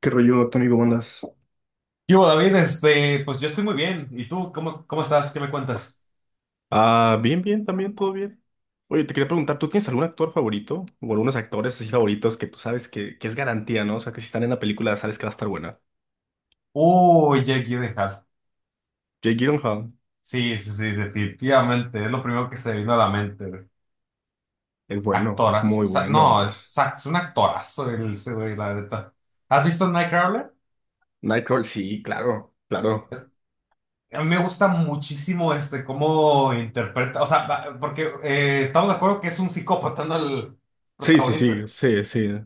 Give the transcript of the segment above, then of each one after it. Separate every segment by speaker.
Speaker 1: ¿Qué rollo, Tony? ¿Cómo andas?
Speaker 2: Yo, David, pues yo estoy muy bien. ¿Y tú? ¿Cómo estás? ¿Qué me cuentas?
Speaker 1: Ah, bien, bien, también todo bien. Oye, te quería preguntar, ¿tú tienes algún actor favorito o algunos actores así favoritos que tú sabes que es garantía, no? O sea, que si están en la película sabes que va a estar buena.
Speaker 2: Uy, Jake Gyllenhaal.
Speaker 1: Jake Gyllenhaal
Speaker 2: Sí, sí, sí, definitivamente. Es lo primero que se vino a la mente, güey.
Speaker 1: es bueno, es
Speaker 2: Actoras. O
Speaker 1: muy
Speaker 2: sea,
Speaker 1: bueno.
Speaker 2: no, es, es un actorazo el ese güey, la neta. ¿Has visto Nightcrawler?
Speaker 1: Nightcrawler, sí, claro, claro.
Speaker 2: A mí me gusta muchísimo cómo interpreta. O sea, porque estamos de acuerdo que es un psicópata, ¿no? El
Speaker 1: Sí, sí,
Speaker 2: protagonista.
Speaker 1: sí, sí, sí.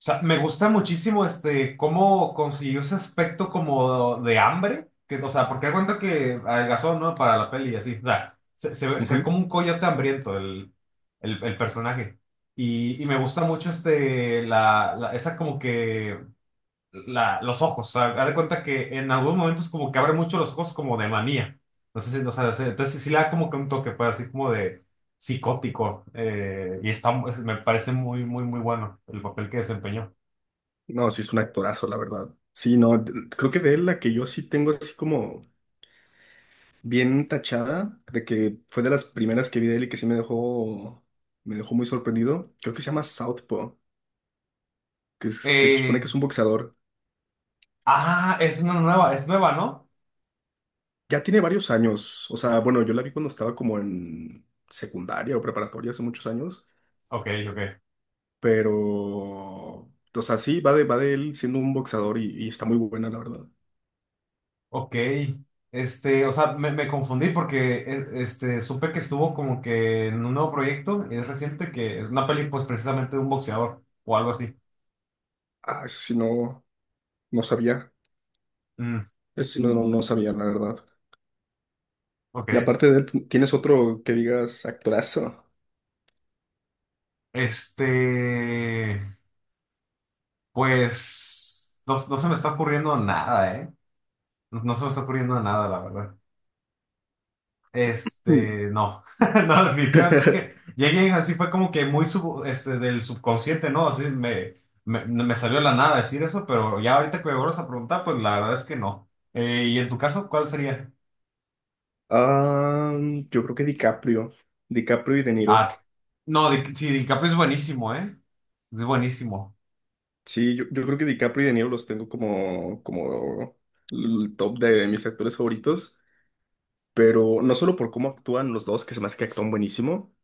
Speaker 2: O sea, me gusta muchísimo este cómo consiguió ese aspecto como de hambre, que, o sea, porque da cuenta que adelgazó, ¿no? Para la peli y así. O sea, se, se ve
Speaker 1: Ujú.
Speaker 2: como un coyote hambriento el personaje. Y me gusta mucho esa como que, la, los ojos. O sea, haz de cuenta que en algunos momentos como que abre mucho los ojos como de manía. No sé si- o sea, entonces sí le da como que un toque, pues, así como de psicótico. Y está, me parece muy, muy, muy bueno el papel que desempeñó.
Speaker 1: No, sí es un actorazo, la verdad. Sí, no, creo que de él la que yo sí tengo así como bien tachada, de que fue de las primeras que vi de él y que sí me dejó muy sorprendido. Creo que se llama Southpaw, que se supone
Speaker 2: Eh,
Speaker 1: que es un boxeador.
Speaker 2: ah, es una nueva, es nueva, ¿no?
Speaker 1: Ya tiene varios años, o sea, bueno, yo la vi cuando estaba como en secundaria o preparatoria hace muchos años,
Speaker 2: Ok, ok.
Speaker 1: pero, o sea, sí, va de él siendo un boxeador y está muy buena, la verdad.
Speaker 2: Ok. O sea, me confundí porque este, supe que estuvo como que en un nuevo proyecto, y es reciente, que es una peli, pues precisamente de un boxeador o algo así.
Speaker 1: Ah, eso sí no, no sabía,
Speaker 2: Mm,
Speaker 1: eso sí no, no, no sabía, la verdad. Y
Speaker 2: ok.
Speaker 1: aparte de él, ¿tienes otro que digas actorazo?
Speaker 2: Este, pues no, no se me está ocurriendo nada, ¿eh? No, no se me está ocurriendo nada, la verdad.
Speaker 1: Mm.
Speaker 2: No, no, definitivamente es que llegué así fue como que muy este, del subconsciente, ¿no? Así me salió de la nada decir eso, pero ya ahorita que me vuelves a preguntar, pues la verdad es que no. ¿Y en tu caso, cuál sería?
Speaker 1: Ah, yo creo que DiCaprio. DiCaprio y De Niro.
Speaker 2: Ah, no, sí, DiCaprio es buenísimo, ¿eh? Es buenísimo.
Speaker 1: Sí, yo creo que DiCaprio y De Niro los tengo como el top de mis actores favoritos, pero no solo por cómo actúan los dos, que se me hace que actúan buenísimo,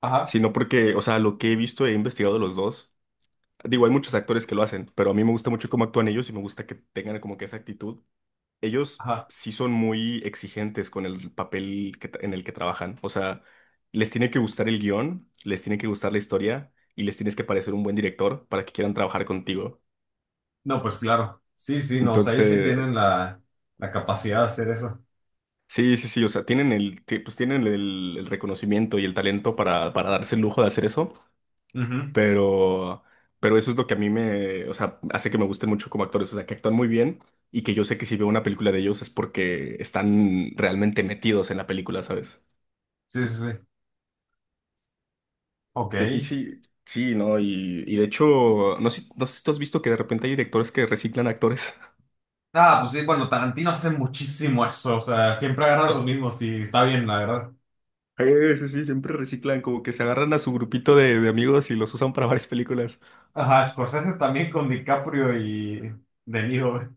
Speaker 2: Ajá,
Speaker 1: sino porque, o sea, lo que he visto e investigado de los dos, digo, hay muchos actores que lo hacen, pero a mí me gusta mucho cómo actúan ellos y me gusta que tengan como que esa actitud. Ellos
Speaker 2: ajá.
Speaker 1: sí son muy exigentes con el papel que en el que trabajan. O sea, les tiene que gustar el guión, les tiene que gustar la historia y les tienes que parecer un buen director para que quieran trabajar contigo.
Speaker 2: No, pues claro. Sí, sí, no, o sea, ellos sí
Speaker 1: Entonces,
Speaker 2: tienen la capacidad de hacer eso.
Speaker 1: sí, sí, sí, o sea, tienen el reconocimiento y el talento para darse el lujo de hacer eso,
Speaker 2: Ujú.
Speaker 1: pero, pero eso es lo que a mí me, o sea, hace que me gusten mucho como actores, o sea, que actúan muy bien y que yo sé que si veo una película de ellos es porque están realmente metidos en la película, ¿sabes?
Speaker 2: Sí, sí, sí. Ok.
Speaker 1: Y sí, sí, ¿no? Y de hecho, no sé, no sé si tú has visto que de repente hay directores que reciclan actores.
Speaker 2: Ah, pues sí, bueno, Tarantino hace muchísimo eso, o sea, siempre agarra los mismos y está bien, la verdad.
Speaker 1: Sí, sí, siempre reciclan, como que se agarran a su grupito de amigos y los usan para varias películas.
Speaker 2: Ajá, Scorsese también con DiCaprio y De Niro, güey.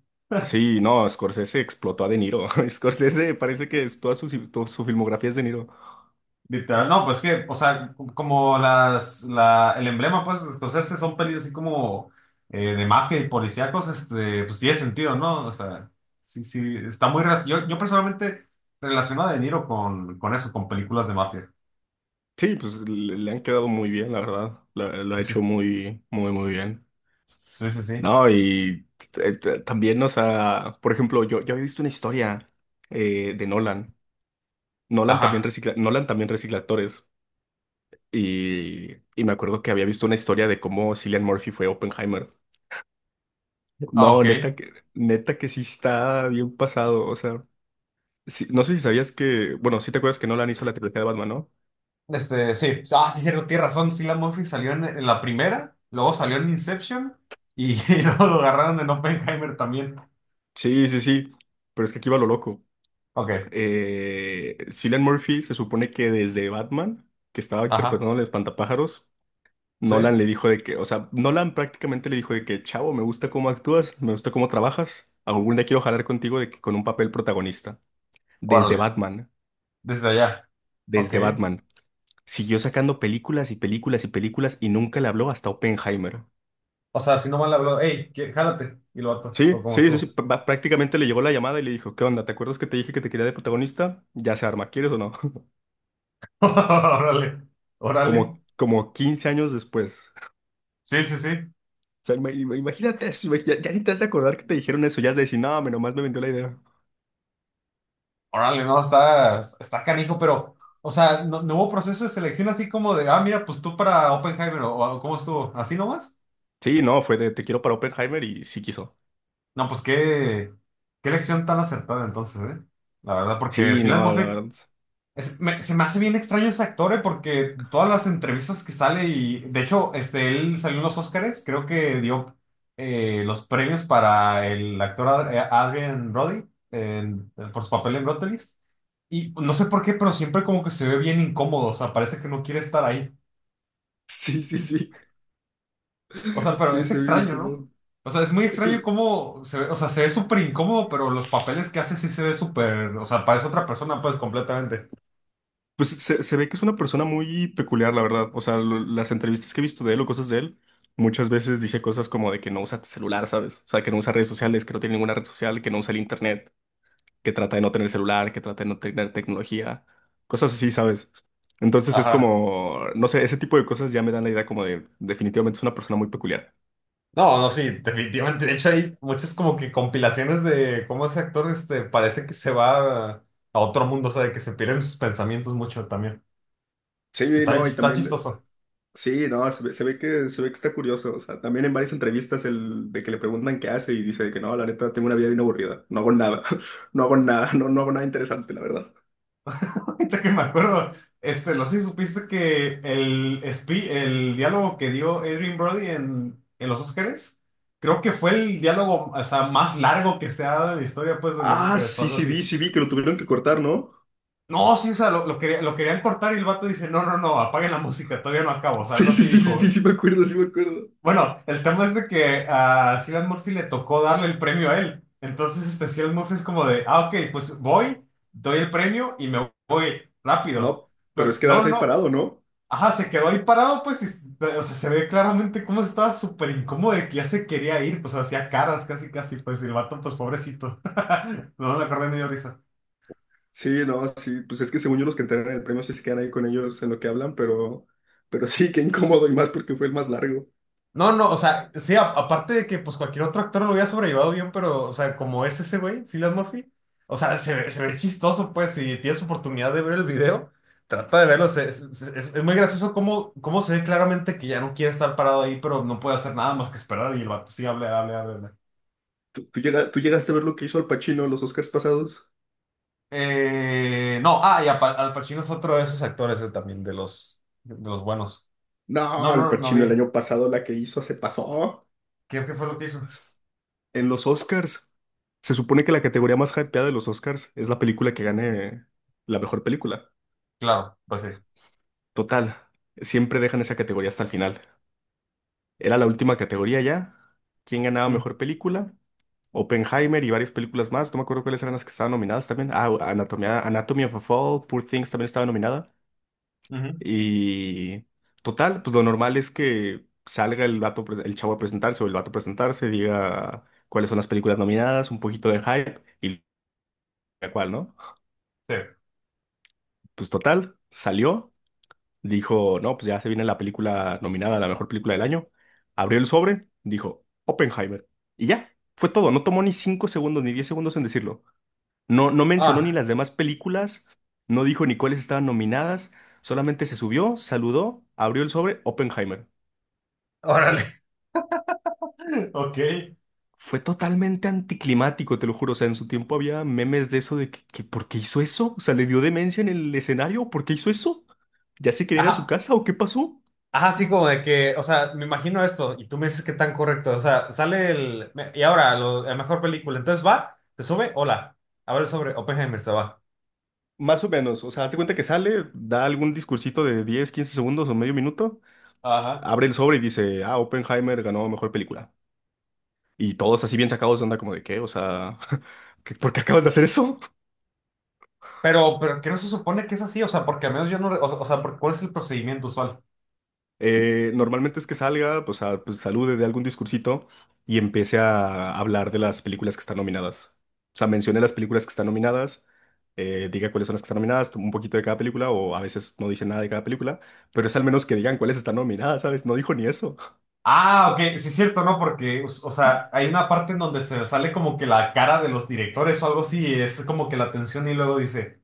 Speaker 1: Sí, no, Scorsese explotó a De Niro. Scorsese parece que toda su filmografía es De Niro.
Speaker 2: Literal. No, pues que, o sea, como el emblema, pues, de Scorsese son pelis así como de mafia y policíacos, pues tiene sentido, ¿no? O sea, sí, sí, está muy... Yo personalmente relaciono a De Niro con eso, con películas de mafia.
Speaker 1: Sí, pues le han quedado muy bien, la verdad. Ha
Speaker 2: Sí,
Speaker 1: hecho muy, muy, muy bien.
Speaker 2: sí, sí, sí.
Speaker 1: No, y también, o sea, por ejemplo, yo había visto una historia de Nolan.
Speaker 2: Ajá.
Speaker 1: Nolan también recicla actores. Y me acuerdo que había visto una historia de cómo Cillian Murphy fue Oppenheimer.
Speaker 2: Ah,
Speaker 1: No,
Speaker 2: ok.
Speaker 1: neta que sí está bien pasado. O sea, no sé si sabías que, bueno, sí te acuerdas que Nolan hizo la trilogía de Batman, ¿no?
Speaker 2: Sí, ah, sí, cierto, tienes razón. Sí, la Murphy salió en la primera, luego salió en Inception y, y luego lo agarraron en Oppenheimer también.
Speaker 1: Sí, sí, sí. Pero es que aquí va lo loco.
Speaker 2: Ok,
Speaker 1: Cillian Murphy se supone que desde Batman, que estaba
Speaker 2: ajá,
Speaker 1: interpretando el espantapájaros,
Speaker 2: sí,
Speaker 1: Nolan le dijo de que, o sea, Nolan prácticamente le dijo de que, chavo, me gusta cómo actúas, me gusta cómo trabajas. Algún día quiero jalar contigo de que con un papel protagonista. Desde
Speaker 2: órale,
Speaker 1: Batman.
Speaker 2: desde allá. Ok,
Speaker 1: Desde Batman. Siguió sacando películas y películas y películas y nunca le habló hasta Oppenheimer.
Speaker 2: o sea, si no mal habló, hey, jálate, y lo vato,
Speaker 1: Sí,
Speaker 2: o como
Speaker 1: sí, sí, sí,
Speaker 2: estuvo.
Speaker 1: prácticamente le llegó la llamada y le dijo, ¿qué onda? ¿Te acuerdas que te dije que te quería de protagonista? Ya se arma, ¿quieres o no?
Speaker 2: Órale, órale,
Speaker 1: Como 15 años después.
Speaker 2: sí, sí, sí,
Speaker 1: O sea, imagínate eso, ya ni te vas a acordar que te dijeron eso, ya has de decir, no, me nomás me vendió la idea.
Speaker 2: órale, no, está, está canijo, pero, o sea, no, no hubo proceso de selección así como de, ah, mira, pues tú para Oppenheimer, o cómo estuvo, así nomás.
Speaker 1: Sí, no, fue de te quiero para Oppenheimer y sí quiso.
Speaker 2: No, pues qué, qué elección tan acertada entonces, ¿eh? La verdad, porque
Speaker 1: Sí,
Speaker 2: Cillian
Speaker 1: no, la
Speaker 2: Murphy
Speaker 1: verdad.
Speaker 2: se me hace bien extraño ese actor, ¿eh? Porque todas las entrevistas que sale y, de hecho, él salió en los Óscares, creo que dio los premios para el actor Adrien Brody por su papel en Brutalist. Y no sé por qué, pero siempre como que se ve bien incómodo, o sea, parece que no quiere estar ahí.
Speaker 1: Sí, sí, sí.
Speaker 2: O sea, pero
Speaker 1: Sí,
Speaker 2: es
Speaker 1: se ve bien
Speaker 2: extraño, ¿no?
Speaker 1: incómodo.
Speaker 2: O sea, es muy
Speaker 1: Eh, Pues
Speaker 2: extraño cómo se ve, o sea, se ve súper incómodo, pero los papeles que hace sí se ve súper, o sea, parece otra persona, pues, completamente.
Speaker 1: Pues se ve que es una persona muy peculiar, la verdad. O sea, las entrevistas que he visto de él o cosas de él, muchas veces dice cosas como de que no usa celular, ¿sabes? O sea, que no usa redes sociales, que no tiene ninguna red social, que no usa el internet, que trata de no tener celular, que trata de no tener tecnología, cosas así, ¿sabes? Entonces es
Speaker 2: Ajá.
Speaker 1: como, no sé, ese tipo de cosas ya me dan la idea como de definitivamente es una persona muy peculiar.
Speaker 2: No, no, sí, definitivamente. De hecho, hay muchas como que compilaciones de cómo ese actor, parece que se va a otro mundo, o sea, de que se pierden sus pensamientos mucho también.
Speaker 1: Sí,
Speaker 2: Está bien,
Speaker 1: no, y
Speaker 2: está
Speaker 1: también.
Speaker 2: chistoso.
Speaker 1: Sí, no, se ve que está curioso. O sea, también en varias entrevistas el de que le preguntan qué hace y dice de que no, la neta, tengo una vida bien aburrida. No hago nada. No hago nada. No, no hago nada interesante, la verdad.
Speaker 2: Ahorita que me acuerdo, no sé si supiste que el diálogo que dio Adrien Brody en los Óscares, creo que fue el diálogo, o sea, más largo que se ha dado en la historia, pues, de los
Speaker 1: Ah,
Speaker 2: Óscares o
Speaker 1: sí,
Speaker 2: algo así.
Speaker 1: sí vi que lo tuvieron que cortar, ¿no?
Speaker 2: No, sí, o sea, lo querían cortar y el vato dice, no, no, no, apaguen la música, todavía no acabo, o sea,
Speaker 1: Sí,
Speaker 2: algo
Speaker 1: sí,
Speaker 2: así
Speaker 1: sí, sí,
Speaker 2: dijo, güey.
Speaker 1: sí, sí me acuerdo, sí me acuerdo.
Speaker 2: Bueno, el tema es de que a Cillian Murphy le tocó darle el premio a él. Entonces, Cillian Murphy es como de, ah, ok, pues voy, doy el premio y me voy rápido.
Speaker 1: No, pero
Speaker 2: Pero,
Speaker 1: es
Speaker 2: no,
Speaker 1: quedarse ahí
Speaker 2: no.
Speaker 1: parado, ¿no?
Speaker 2: Ajá, se quedó ahí parado, pues, y, o sea, se ve claramente cómo estaba súper incómodo de que ya se quería ir, pues, hacía caras casi, casi, pues, y el vato, pues, pobrecito. No me acordé ni de risa.
Speaker 1: Sí, no, sí, pues es que según yo los que entregan el premio sí se quedan ahí con ellos en lo que hablan, pero sí, qué incómodo y más porque fue el más largo.
Speaker 2: No, no, o sea, sí, aparte de que, pues, cualquier otro actor lo hubiera sobrellevado bien, pero, o sea, como es ese güey, Cillian Murphy, o sea, se ve chistoso, pues, si tienes oportunidad de ver el video, trata de verlo, es muy gracioso cómo, cómo se ve claramente que ya no quiere estar parado ahí, pero no puede hacer nada más que esperar y el vato sí, hable, hable, hable.
Speaker 1: ¿Tú llegaste a ver lo que hizo Al Pacino en los Oscars pasados?
Speaker 2: No, ah, y Al Pacino es otro de esos actores también, de los buenos. No,
Speaker 1: No, Al
Speaker 2: no, no
Speaker 1: Pacino el
Speaker 2: vi.
Speaker 1: año pasado la que hizo se pasó.
Speaker 2: ¿Qué, qué fue lo que hizo?
Speaker 1: En los Oscars. Se supone que la categoría más hypeada de los Oscars es la película que gane la mejor película.
Speaker 2: Claro, pues sí.
Speaker 1: Total, siempre dejan esa categoría hasta el final. Era la última categoría ya. ¿Quién ganaba
Speaker 2: Mm,
Speaker 1: mejor película? Oppenheimer y varias películas más. No me acuerdo cuáles eran las que estaban nominadas también. Ah, Anatomy of a Fall, Poor Things también estaba nominada.
Speaker 2: ujú,
Speaker 1: Y total, pues lo normal es que salga el vato, el chavo a presentarse o el vato a presentarse, diga cuáles son las películas nominadas, un poquito de hype y la cual, ¿no?
Speaker 2: sí.
Speaker 1: Pues total, salió, dijo, no, pues ya se viene la película nominada a la mejor película del año. Abrió el sobre, dijo, Oppenheimer. Y ya, fue todo. No tomó ni 5 segundos ni 10 segundos en decirlo. No, no mencionó ni
Speaker 2: Ah,
Speaker 1: las demás películas, no dijo ni cuáles estaban nominadas, solamente se subió, saludó, abrió el sobre, Oppenheimer.
Speaker 2: órale. Ok.
Speaker 1: Fue totalmente anticlimático, te lo juro. O sea, en su tiempo había memes de eso de que ¿por qué hizo eso? O sea, ¿le dio demencia en el escenario? ¿Por qué hizo eso? ¿Ya se quería ir a su
Speaker 2: Ajá,
Speaker 1: casa o qué pasó?
Speaker 2: ajá, así como de que, o sea, me imagino esto y tú me dices que tan correcto, o sea, sale el, y ahora, la mejor película, entonces va, te sube, hola, abre el sobre, Oppenheimer se va.
Speaker 1: Más o menos, o sea, hace cuenta que sale, da algún discursito de 10, 15 segundos o medio minuto,
Speaker 2: Ajá.
Speaker 1: abre el sobre y dice, ah, Oppenheimer ganó mejor película. Y todos así bien sacados de onda como de qué, o sea, ¿por qué acabas de hacer eso?
Speaker 2: Pero que no se supone que es así, o sea, porque al menos yo no, o sea, ¿cuál es el procedimiento usual?
Speaker 1: Normalmente es que salga, pues, salude de algún discursito y empiece a hablar de las películas que están nominadas. O sea, mencione las películas que están nominadas, diga cuáles son las que están nominadas, un poquito de cada película o a veces no dice nada de cada película, pero es al menos que digan cuáles están nominadas, ¿sabes? No dijo ni eso.
Speaker 2: Ah, ok, sí es cierto, ¿no? Porque, o sea, hay una parte en donde se sale como que la cara de los directores o algo así, y es como que la tensión y luego dice,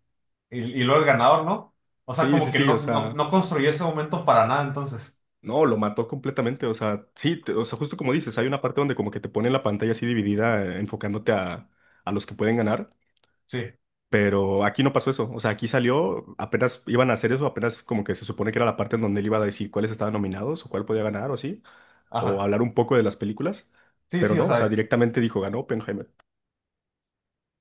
Speaker 2: y luego el ganador, ¿no? O sea,
Speaker 1: Sí,
Speaker 2: como
Speaker 1: sí,
Speaker 2: que
Speaker 1: sí, o
Speaker 2: no, no,
Speaker 1: sea,
Speaker 2: no construyó ese momento para nada, entonces.
Speaker 1: no, lo mató completamente, o sea, sí, o sea, justo como dices, hay una parte donde como que te pone la pantalla así dividida, enfocándote a, los que pueden ganar.
Speaker 2: Sí,
Speaker 1: Pero aquí no pasó eso. O sea, aquí salió, apenas iban a hacer eso, apenas como que se supone que era la parte en donde él iba a decir cuáles estaban nominados o cuál podía ganar o así, o
Speaker 2: ajá.
Speaker 1: hablar un poco de las películas.
Speaker 2: Sí,
Speaker 1: Pero
Speaker 2: sí, o
Speaker 1: no, o sea,
Speaker 2: sea,
Speaker 1: directamente dijo, ganó Oppenheimer.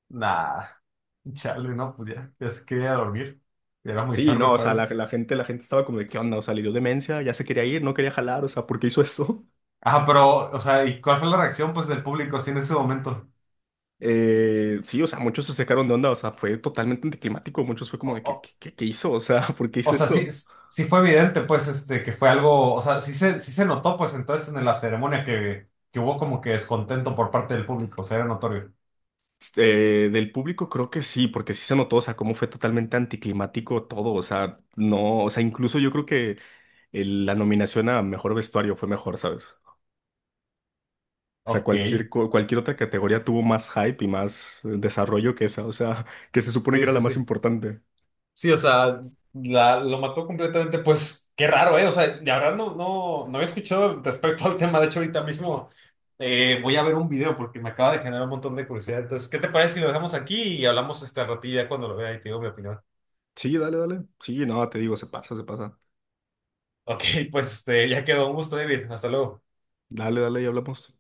Speaker 2: nada. Chale, no, pues ya, ya se quería dormir. Ya era muy
Speaker 1: Sí,
Speaker 2: tarde
Speaker 1: no, o
Speaker 2: para
Speaker 1: sea, la,
Speaker 2: él.
Speaker 1: la gente, la gente estaba como de, ¿qué onda? O sea, le dio demencia, ya se quería ir, no quería jalar, o sea, ¿por qué hizo eso?
Speaker 2: Ajá, pero, o sea, ¿y cuál fue la reacción, pues, del público así en ese momento?
Speaker 1: Sí, o sea, muchos se sacaron de onda, o sea, fue totalmente anticlimático, muchos fue como de, ¿qué hizo? O sea, ¿por qué
Speaker 2: O
Speaker 1: hizo
Speaker 2: sea, sí,
Speaker 1: eso?
Speaker 2: sí fue evidente, pues, que fue algo, o sea, sí se notó, pues, entonces en la ceremonia que hubo como que descontento por parte del público, o sea, era notorio.
Speaker 1: Del público creo que sí, porque sí se notó, o sea, cómo fue totalmente anticlimático todo, o sea, no, o sea, incluso yo creo que la nominación a mejor vestuario fue mejor, ¿sabes? O sea,
Speaker 2: Ok.
Speaker 1: cualquier otra categoría tuvo más hype y más desarrollo que esa, o sea, que se supone que
Speaker 2: Sí,
Speaker 1: era
Speaker 2: sí,
Speaker 1: la
Speaker 2: sí.
Speaker 1: más importante.
Speaker 2: Sí, o sea, lo mató completamente. Pues qué raro, ¿eh? O sea, de verdad no, no, no había escuchado respecto al tema. De hecho, ahorita mismo voy a ver un video porque me acaba de generar un montón de curiosidad. Entonces, ¿qué te parece si lo dejamos aquí y hablamos este ratilla cuando lo vea y te digo mi opinión?
Speaker 1: Sí, dale, dale. Sí, no, te digo, se pasa, se pasa.
Speaker 2: Ok, pues ya quedó. Un gusto, David. Hasta luego.
Speaker 1: Dale, dale y hablamos.